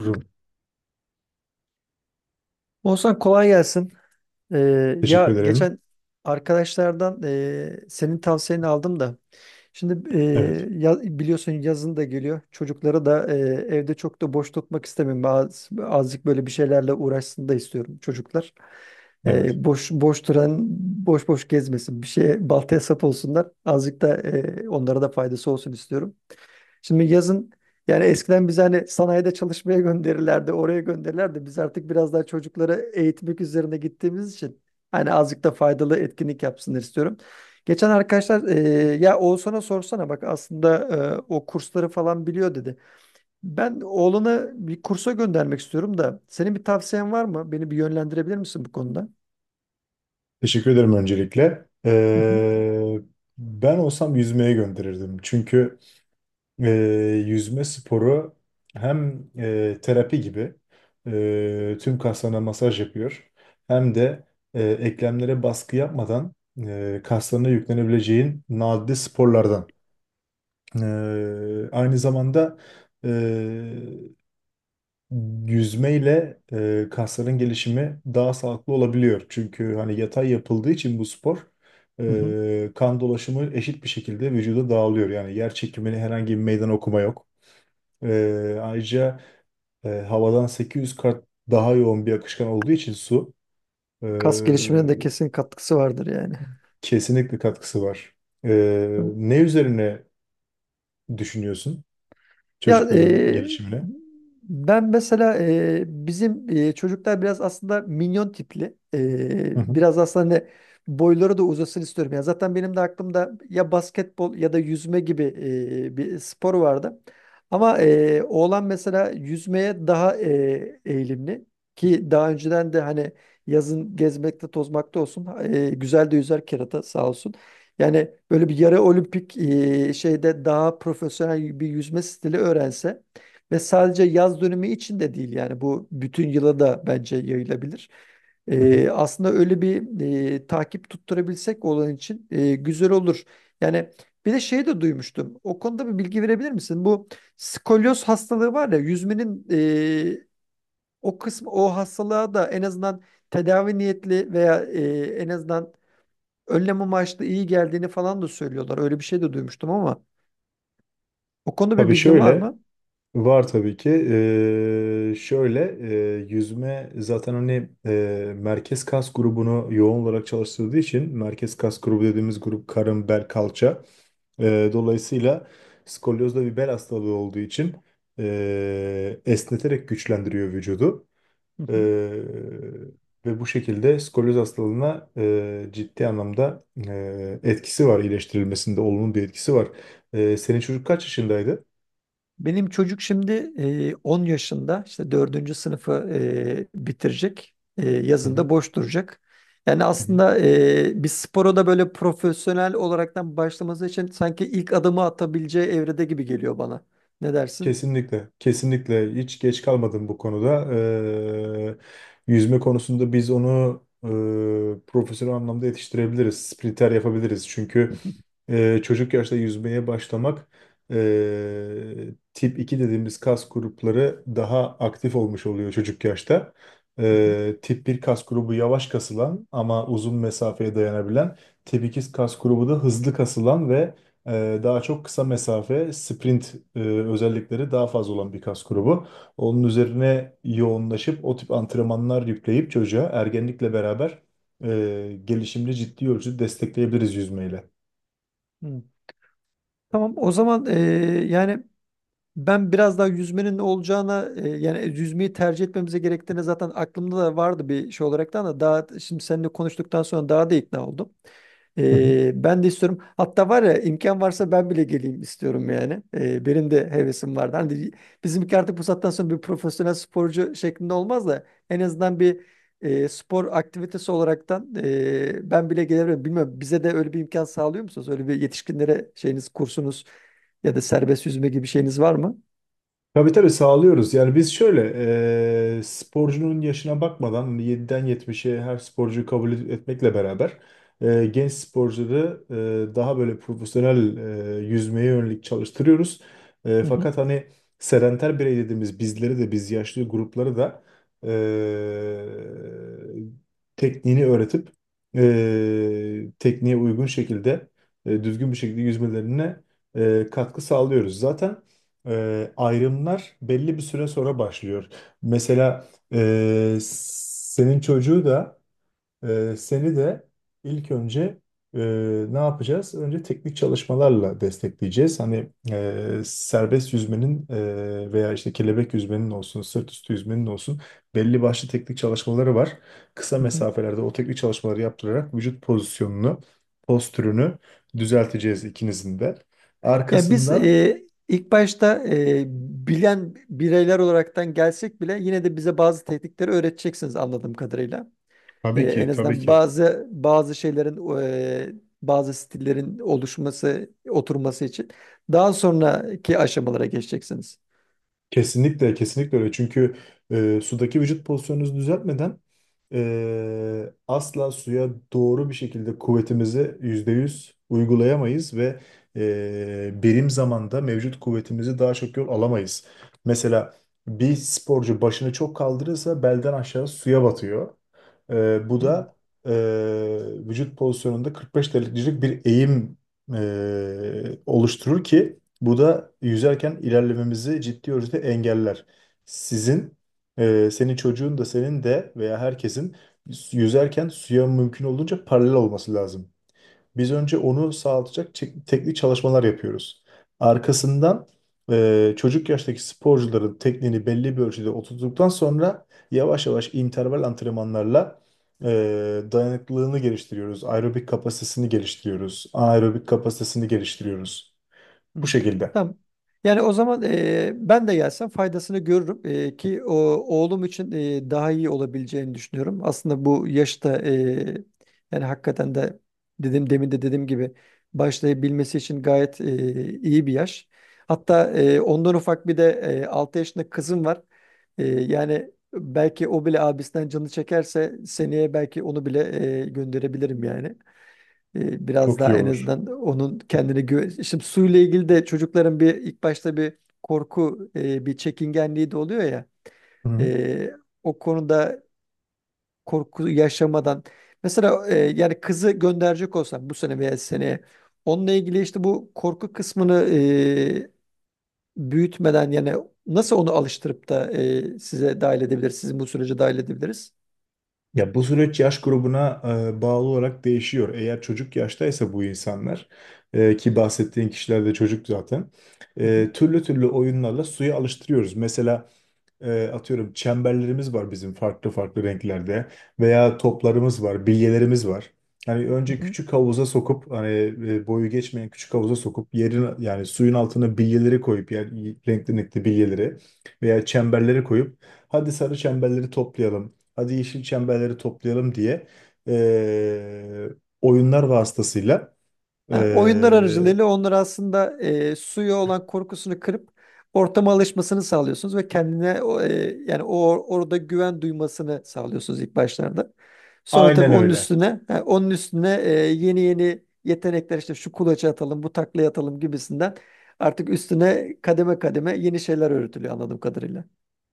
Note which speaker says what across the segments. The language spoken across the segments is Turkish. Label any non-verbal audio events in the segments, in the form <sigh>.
Speaker 1: Rum.
Speaker 2: Oğuzhan kolay gelsin. Ee,
Speaker 1: Teşekkür
Speaker 2: ya
Speaker 1: ederim.
Speaker 2: geçen arkadaşlardan senin tavsiyeni aldım da. Şimdi
Speaker 1: Evet,
Speaker 2: ya- biliyorsun yazın da geliyor. Çocukları da evde çok da boş tutmak istemiyorum. Azıcık böyle bir şeylerle uğraşsın da istiyorum çocuklar.
Speaker 1: evet.
Speaker 2: Boş boş duran, boş boş gezmesin. Bir şeye baltaya sap olsunlar. Azıcık da onlara da faydası olsun istiyorum. Şimdi yazın yani eskiden biz hani sanayide çalışmaya gönderirlerdi, oraya gönderirlerdi. Biz artık biraz daha çocukları eğitmek üzerine gittiğimiz için hani azıcık da faydalı etkinlik yapsınlar istiyorum. Geçen arkadaşlar ya Oğuzhan'a sorsana bak aslında o kursları falan biliyor dedi. Ben oğlunu bir kursa göndermek istiyorum da senin bir tavsiyen var mı? Beni bir yönlendirebilir misin bu konuda?
Speaker 1: Teşekkür ederim öncelikle.
Speaker 2: Hı hı.
Speaker 1: Ben olsam yüzmeye gönderirdim. Çünkü e, yüzme sporu hem terapi gibi tüm kaslarına masaj yapıyor. Hem de eklemlere baskı yapmadan kaslarına yüklenebileceğin nadide sporlardan. Aynı zamanda e, yüzmeyle kasların gelişimi daha sağlıklı olabiliyor. Çünkü hani yatay yapıldığı için bu spor
Speaker 2: Hı hı.
Speaker 1: kan dolaşımı eşit bir şekilde vücuda dağılıyor. Yani yer çekimini herhangi bir meydan okuma yok. Ayrıca havadan 800 kat daha yoğun bir akışkan olduğu için su e,
Speaker 2: Kas gelişimine de kesin katkısı vardır yani.
Speaker 1: kesinlikle katkısı var.
Speaker 2: Hı.
Speaker 1: Ne üzerine düşünüyorsun
Speaker 2: Ya
Speaker 1: çocukların gelişimine?
Speaker 2: ben mesela bizim çocuklar biraz aslında minyon tipli.
Speaker 1: Hı
Speaker 2: E,
Speaker 1: hı.
Speaker 2: biraz aslında hani boyları da uzasın istiyorum. Ya zaten benim de aklımda ya basketbol ya da yüzme gibi bir spor vardı. Ama oğlan mesela yüzmeye daha eğilimli ki daha önceden de hani yazın gezmekte tozmakta olsun, güzel de yüzer kerata sağ olsun. Yani böyle bir yarı olimpik şeyde daha profesyonel bir yüzme stili öğrense ve sadece yaz dönemi için de değil yani bu bütün yıla da bence yayılabilir.
Speaker 1: Hı hı.
Speaker 2: Aslında öyle bir takip tutturabilsek olan için güzel olur. Yani bir de şey de duymuştum. O konuda bir bilgi verebilir misin? Bu skolyoz hastalığı var ya, yüzmenin o kısmı o hastalığa da en azından tedavi niyetli veya en azından önlem amaçlı iyi geldiğini falan da söylüyorlar. Öyle bir şey de duymuştum ama o konuda bir
Speaker 1: Tabii
Speaker 2: bilgin var
Speaker 1: şöyle.
Speaker 2: mı?
Speaker 1: Var tabii ki. Şöyle yüzme zaten hani merkez kas grubunu yoğun olarak çalıştırdığı için merkez kas grubu dediğimiz grup karın, bel, kalça. Dolayısıyla skolyoz da bir bel hastalığı olduğu için esneterek güçlendiriyor vücudu.
Speaker 2: Hı hı.
Speaker 1: Ee, Ve bu şekilde skolyoz hastalığına ciddi anlamda etkisi var, iyileştirilmesinde olumlu bir etkisi var. Senin çocuk kaç yaşındaydı?
Speaker 2: Benim çocuk şimdi 10 yaşında, işte dördüncü sınıfı bitirecek. E,
Speaker 1: Hı hı.
Speaker 2: yazında boş duracak. Yani
Speaker 1: Hı hı.
Speaker 2: aslında bir spora da böyle profesyonel olaraktan başlaması için sanki ilk adımı atabileceği evrede gibi geliyor bana. Ne dersin?
Speaker 1: Kesinlikle, kesinlikle hiç geç kalmadım bu konuda. Yüzme konusunda biz onu profesyonel anlamda yetiştirebiliriz, sprinter yapabiliriz. Çünkü
Speaker 2: <laughs>
Speaker 1: çocuk yaşta yüzmeye başlamak ee, tip 2 dediğimiz kas grupları daha aktif olmuş oluyor çocuk yaşta.
Speaker 2: Hı hı.
Speaker 1: Tip bir kas grubu yavaş kasılan ama uzun mesafeye dayanabilen. Tip 2 kas grubu da hızlı kasılan ve daha çok kısa mesafe sprint özellikleri daha fazla olan bir kas grubu. Onun üzerine yoğunlaşıp o tip antrenmanlar yükleyip çocuğa ergenlikle beraber gelişimini ciddi ölçüde destekleyebiliriz yüzmeyle.
Speaker 2: Hı. Tamam o zaman, yani ben biraz daha yüzmenin ne olacağına, yani yüzmeyi tercih etmemize gerektiğine zaten aklımda da vardı bir şey olarak da, ama daha şimdi seninle konuştuktan sonra daha da ikna oldum. E, ben de istiyorum. Hatta var ya, imkan varsa ben bile geleyim istiyorum yani. E, benim de hevesim vardı. Hani bizimki artık bu saatten sonra bir profesyonel sporcu şeklinde olmaz da en azından bir spor aktivitesi olaraktan ben bile gelebilirim. Bilmiyorum, bize de öyle bir imkan sağlıyor musunuz? Öyle bir yetişkinlere şeyiniz kursunuz ya da serbest yüzme gibi bir şeyiniz var mı?
Speaker 1: Tabii tabii sağlıyoruz. Yani biz şöyle sporcunun yaşına bakmadan hani 7'den 70'e her sporcuyu kabul etmekle beraber genç sporcuları daha böyle profesyonel yüzmeye yönelik çalıştırıyoruz.
Speaker 2: Hı hı,
Speaker 1: Fakat hani sedenter birey dediğimiz bizleri de biz yaşlı grupları da e, tekniğini öğretip tekniğe uygun şekilde düzgün bir şekilde yüzmelerine katkı sağlıyoruz. Zaten ayrımlar belli bir süre sonra başlıyor. Mesela senin çocuğu da seni de ilk önce e, ne yapacağız? Önce teknik çalışmalarla destekleyeceğiz. Hani serbest yüzmenin veya işte kelebek yüzmenin olsun, sırt üstü yüzmenin olsun belli başlı teknik çalışmaları var. Kısa
Speaker 2: hı hı.
Speaker 1: mesafelerde o teknik çalışmaları yaptırarak vücut pozisyonunu, postürünü düzelteceğiz ikinizin de.
Speaker 2: Yani biz
Speaker 1: Arkasından
Speaker 2: ilk başta bilen bireyler olaraktan gelsek bile yine de bize bazı teknikleri öğreteceksiniz anladığım kadarıyla. E,
Speaker 1: tabii
Speaker 2: en
Speaker 1: ki, tabii
Speaker 2: azından
Speaker 1: ki.
Speaker 2: bazı şeylerin e, bazı stillerin oluşması, oturması için daha sonraki aşamalara geçeceksiniz.
Speaker 1: Kesinlikle, kesinlikle öyle. Çünkü sudaki vücut pozisyonunuzu düzeltmeden asla suya doğru bir şekilde kuvvetimizi %100 uygulayamayız ve birim zamanda mevcut kuvvetimizi daha çok yol alamayız. Mesela bir sporcu başını çok kaldırırsa belden aşağı suya batıyor. Bu
Speaker 2: Hı.
Speaker 1: da vücut pozisyonunda 45 derecelik bir eğim oluşturur ki bu da yüzerken ilerlememizi ciddi ölçüde engeller. Sizin, senin çocuğun da senin de veya herkesin yüzerken suya mümkün olduğunca paralel olması lazım. Biz önce onu sağlatacak teknik çalışmalar yapıyoruz. Arkasından çocuk yaştaki sporcuların tekniğini belli bir ölçüde oturttuktan sonra yavaş yavaş interval antrenmanlarla e, dayanıklılığını geliştiriyoruz. Aerobik kapasitesini geliştiriyoruz. Anaerobik kapasitesini geliştiriyoruz.
Speaker 2: Hı.
Speaker 1: Bu şekilde.
Speaker 2: Tamam. Yani o zaman ben de gelsem faydasını görürüm. E, ki o oğlum için daha iyi olabileceğini düşünüyorum. Aslında bu yaşta yani hakikaten de, dedim demin de dediğim gibi, başlayabilmesi için gayet iyi bir yaş. Hatta ondan ufak bir de 6 yaşında kızım var. E, yani belki o bile abisinden canı çekerse seneye belki onu bile gönderebilirim yani. E, biraz
Speaker 1: Çok iyi
Speaker 2: daha en
Speaker 1: olur.
Speaker 2: azından onun kendine güven... Şimdi suyla ilgili de çocukların bir ilk başta bir korku, bir çekingenliği de oluyor ya.
Speaker 1: Hı.
Speaker 2: E, o konuda korku yaşamadan mesela yani kızı gönderecek olsam bu sene veya seneye onunla ilgili işte bu korku kısmını büyütmeden yani nasıl onu alıştırıp da size dahil edebiliriz, sizin bu sürece dahil edebiliriz?
Speaker 1: Ya bu süreç yaş grubuna bağlı olarak değişiyor. Eğer çocuk yaştaysa bu insanlar ki bahsettiğin kişiler de çocuk zaten
Speaker 2: Hı hı.
Speaker 1: türlü türlü oyunlarla suya alıştırıyoruz. Mesela atıyorum çemberlerimiz var bizim farklı farklı renklerde veya toplarımız var, bilyelerimiz var. Hani
Speaker 2: Hı
Speaker 1: önce
Speaker 2: hı.
Speaker 1: küçük havuza sokup hani boyu geçmeyen küçük havuza sokup yerin yani suyun altına bilyeleri koyup yani renkli renkli bilyeleri veya çemberleri koyup hadi sarı çemberleri toplayalım, hadi yeşil çemberleri toplayalım diye e, oyunlar vasıtasıyla
Speaker 2: Ha, oyunlar
Speaker 1: e,
Speaker 2: aracılığıyla onları aslında suya olan korkusunu kırıp ortama alışmasını sağlıyorsunuz ve kendine yani o orada güven duymasını sağlıyorsunuz ilk başlarda. Sonra tabii
Speaker 1: aynen
Speaker 2: onun
Speaker 1: öyle.
Speaker 2: üstüne, ha, onun üstüne yeni yeni yetenekler, işte şu kulaça atalım, bu taklaya atalım gibisinden artık üstüne kademe kademe yeni şeyler öğretiliyor anladığım kadarıyla.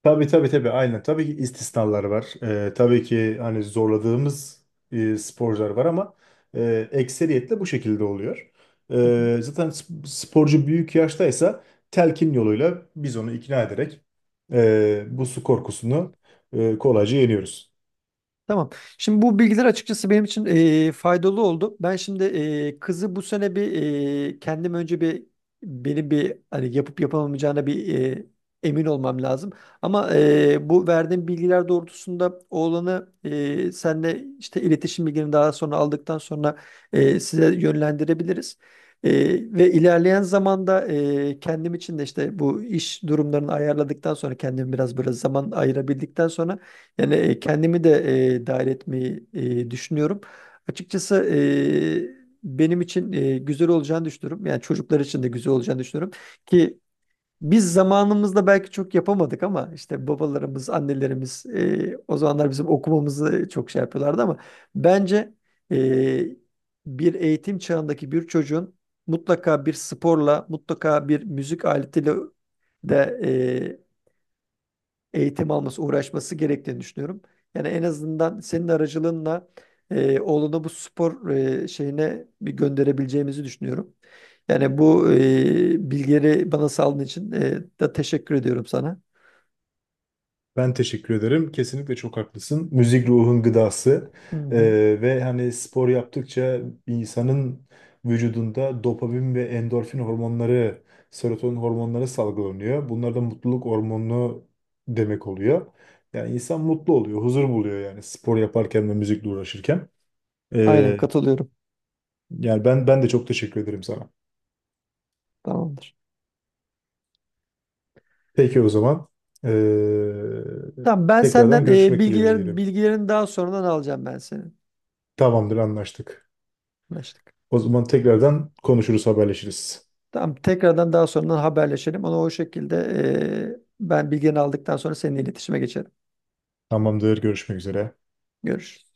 Speaker 1: Tabii tabii tabii aynen. Tabii ki istisnalar var. Tabii ki hani zorladığımız sporcular var ama ekseriyetle bu şekilde oluyor.
Speaker 2: <laughs>
Speaker 1: Zaten sporcu büyük yaştaysa telkin yoluyla biz onu ikna ederek bu su korkusunu kolayca yeniyoruz.
Speaker 2: Tamam. Şimdi bu bilgiler açıkçası benim için faydalı oldu. Ben şimdi kızı bu sene bir kendim önce bir beni bir hani yapıp yapamayacağına bir emin olmam lazım. Ama bu verdiğim bilgiler doğrultusunda oğlanı senle işte iletişim bilgilerini daha sonra aldıktan sonra size yönlendirebiliriz. Ve ilerleyen zamanda kendim için de işte bu iş durumlarını ayarladıktan sonra kendimi biraz böyle zaman ayırabildikten sonra yani kendimi de dahil etmeyi düşünüyorum. Açıkçası benim için güzel olacağını düşünüyorum. Yani çocuklar için de güzel olacağını düşünüyorum. Ki biz zamanımızda belki çok yapamadık ama işte babalarımız, annelerimiz o zamanlar bizim okumamızı çok şey yapıyorlardı, ama bence e, bir eğitim çağındaki bir çocuğun mutlaka bir sporla, mutlaka bir müzik aletiyle de eğitim alması, uğraşması gerektiğini düşünüyorum. Yani en azından senin aracılığınla oğlunu bu spor şeyine bir gönderebileceğimizi düşünüyorum. Yani bu bilgileri bana sağladığın için da teşekkür ediyorum sana.
Speaker 1: Ben teşekkür ederim. Kesinlikle çok haklısın. Müzik ruhun gıdası.
Speaker 2: Hı hı.
Speaker 1: Ve hani spor yaptıkça insanın vücudunda dopamin ve endorfin hormonları, serotonin hormonları salgılanıyor. Bunlar da mutluluk hormonu demek oluyor. Yani insan mutlu oluyor, huzur buluyor yani spor yaparken ve müzikle uğraşırken.
Speaker 2: Aynen
Speaker 1: Ee,
Speaker 2: katılıyorum.
Speaker 1: Yani ben de çok teşekkür ederim sana.
Speaker 2: Tamamdır.
Speaker 1: Peki o zaman
Speaker 2: Tamam, ben
Speaker 1: tekrardan
Speaker 2: senden
Speaker 1: görüşmek dileğiyle diyelim.
Speaker 2: bilgilerini daha sonradan alacağım, ben senin.
Speaker 1: Tamamdır, anlaştık.
Speaker 2: Anlaştık.
Speaker 1: O zaman tekrardan konuşuruz, haberleşiriz.
Speaker 2: Tamam, tekrardan daha sonradan haberleşelim. Onu o şekilde ben bilgilerini aldıktan sonra seninle iletişime geçerim.
Speaker 1: Tamamdır, görüşmek üzere.
Speaker 2: Görüşürüz.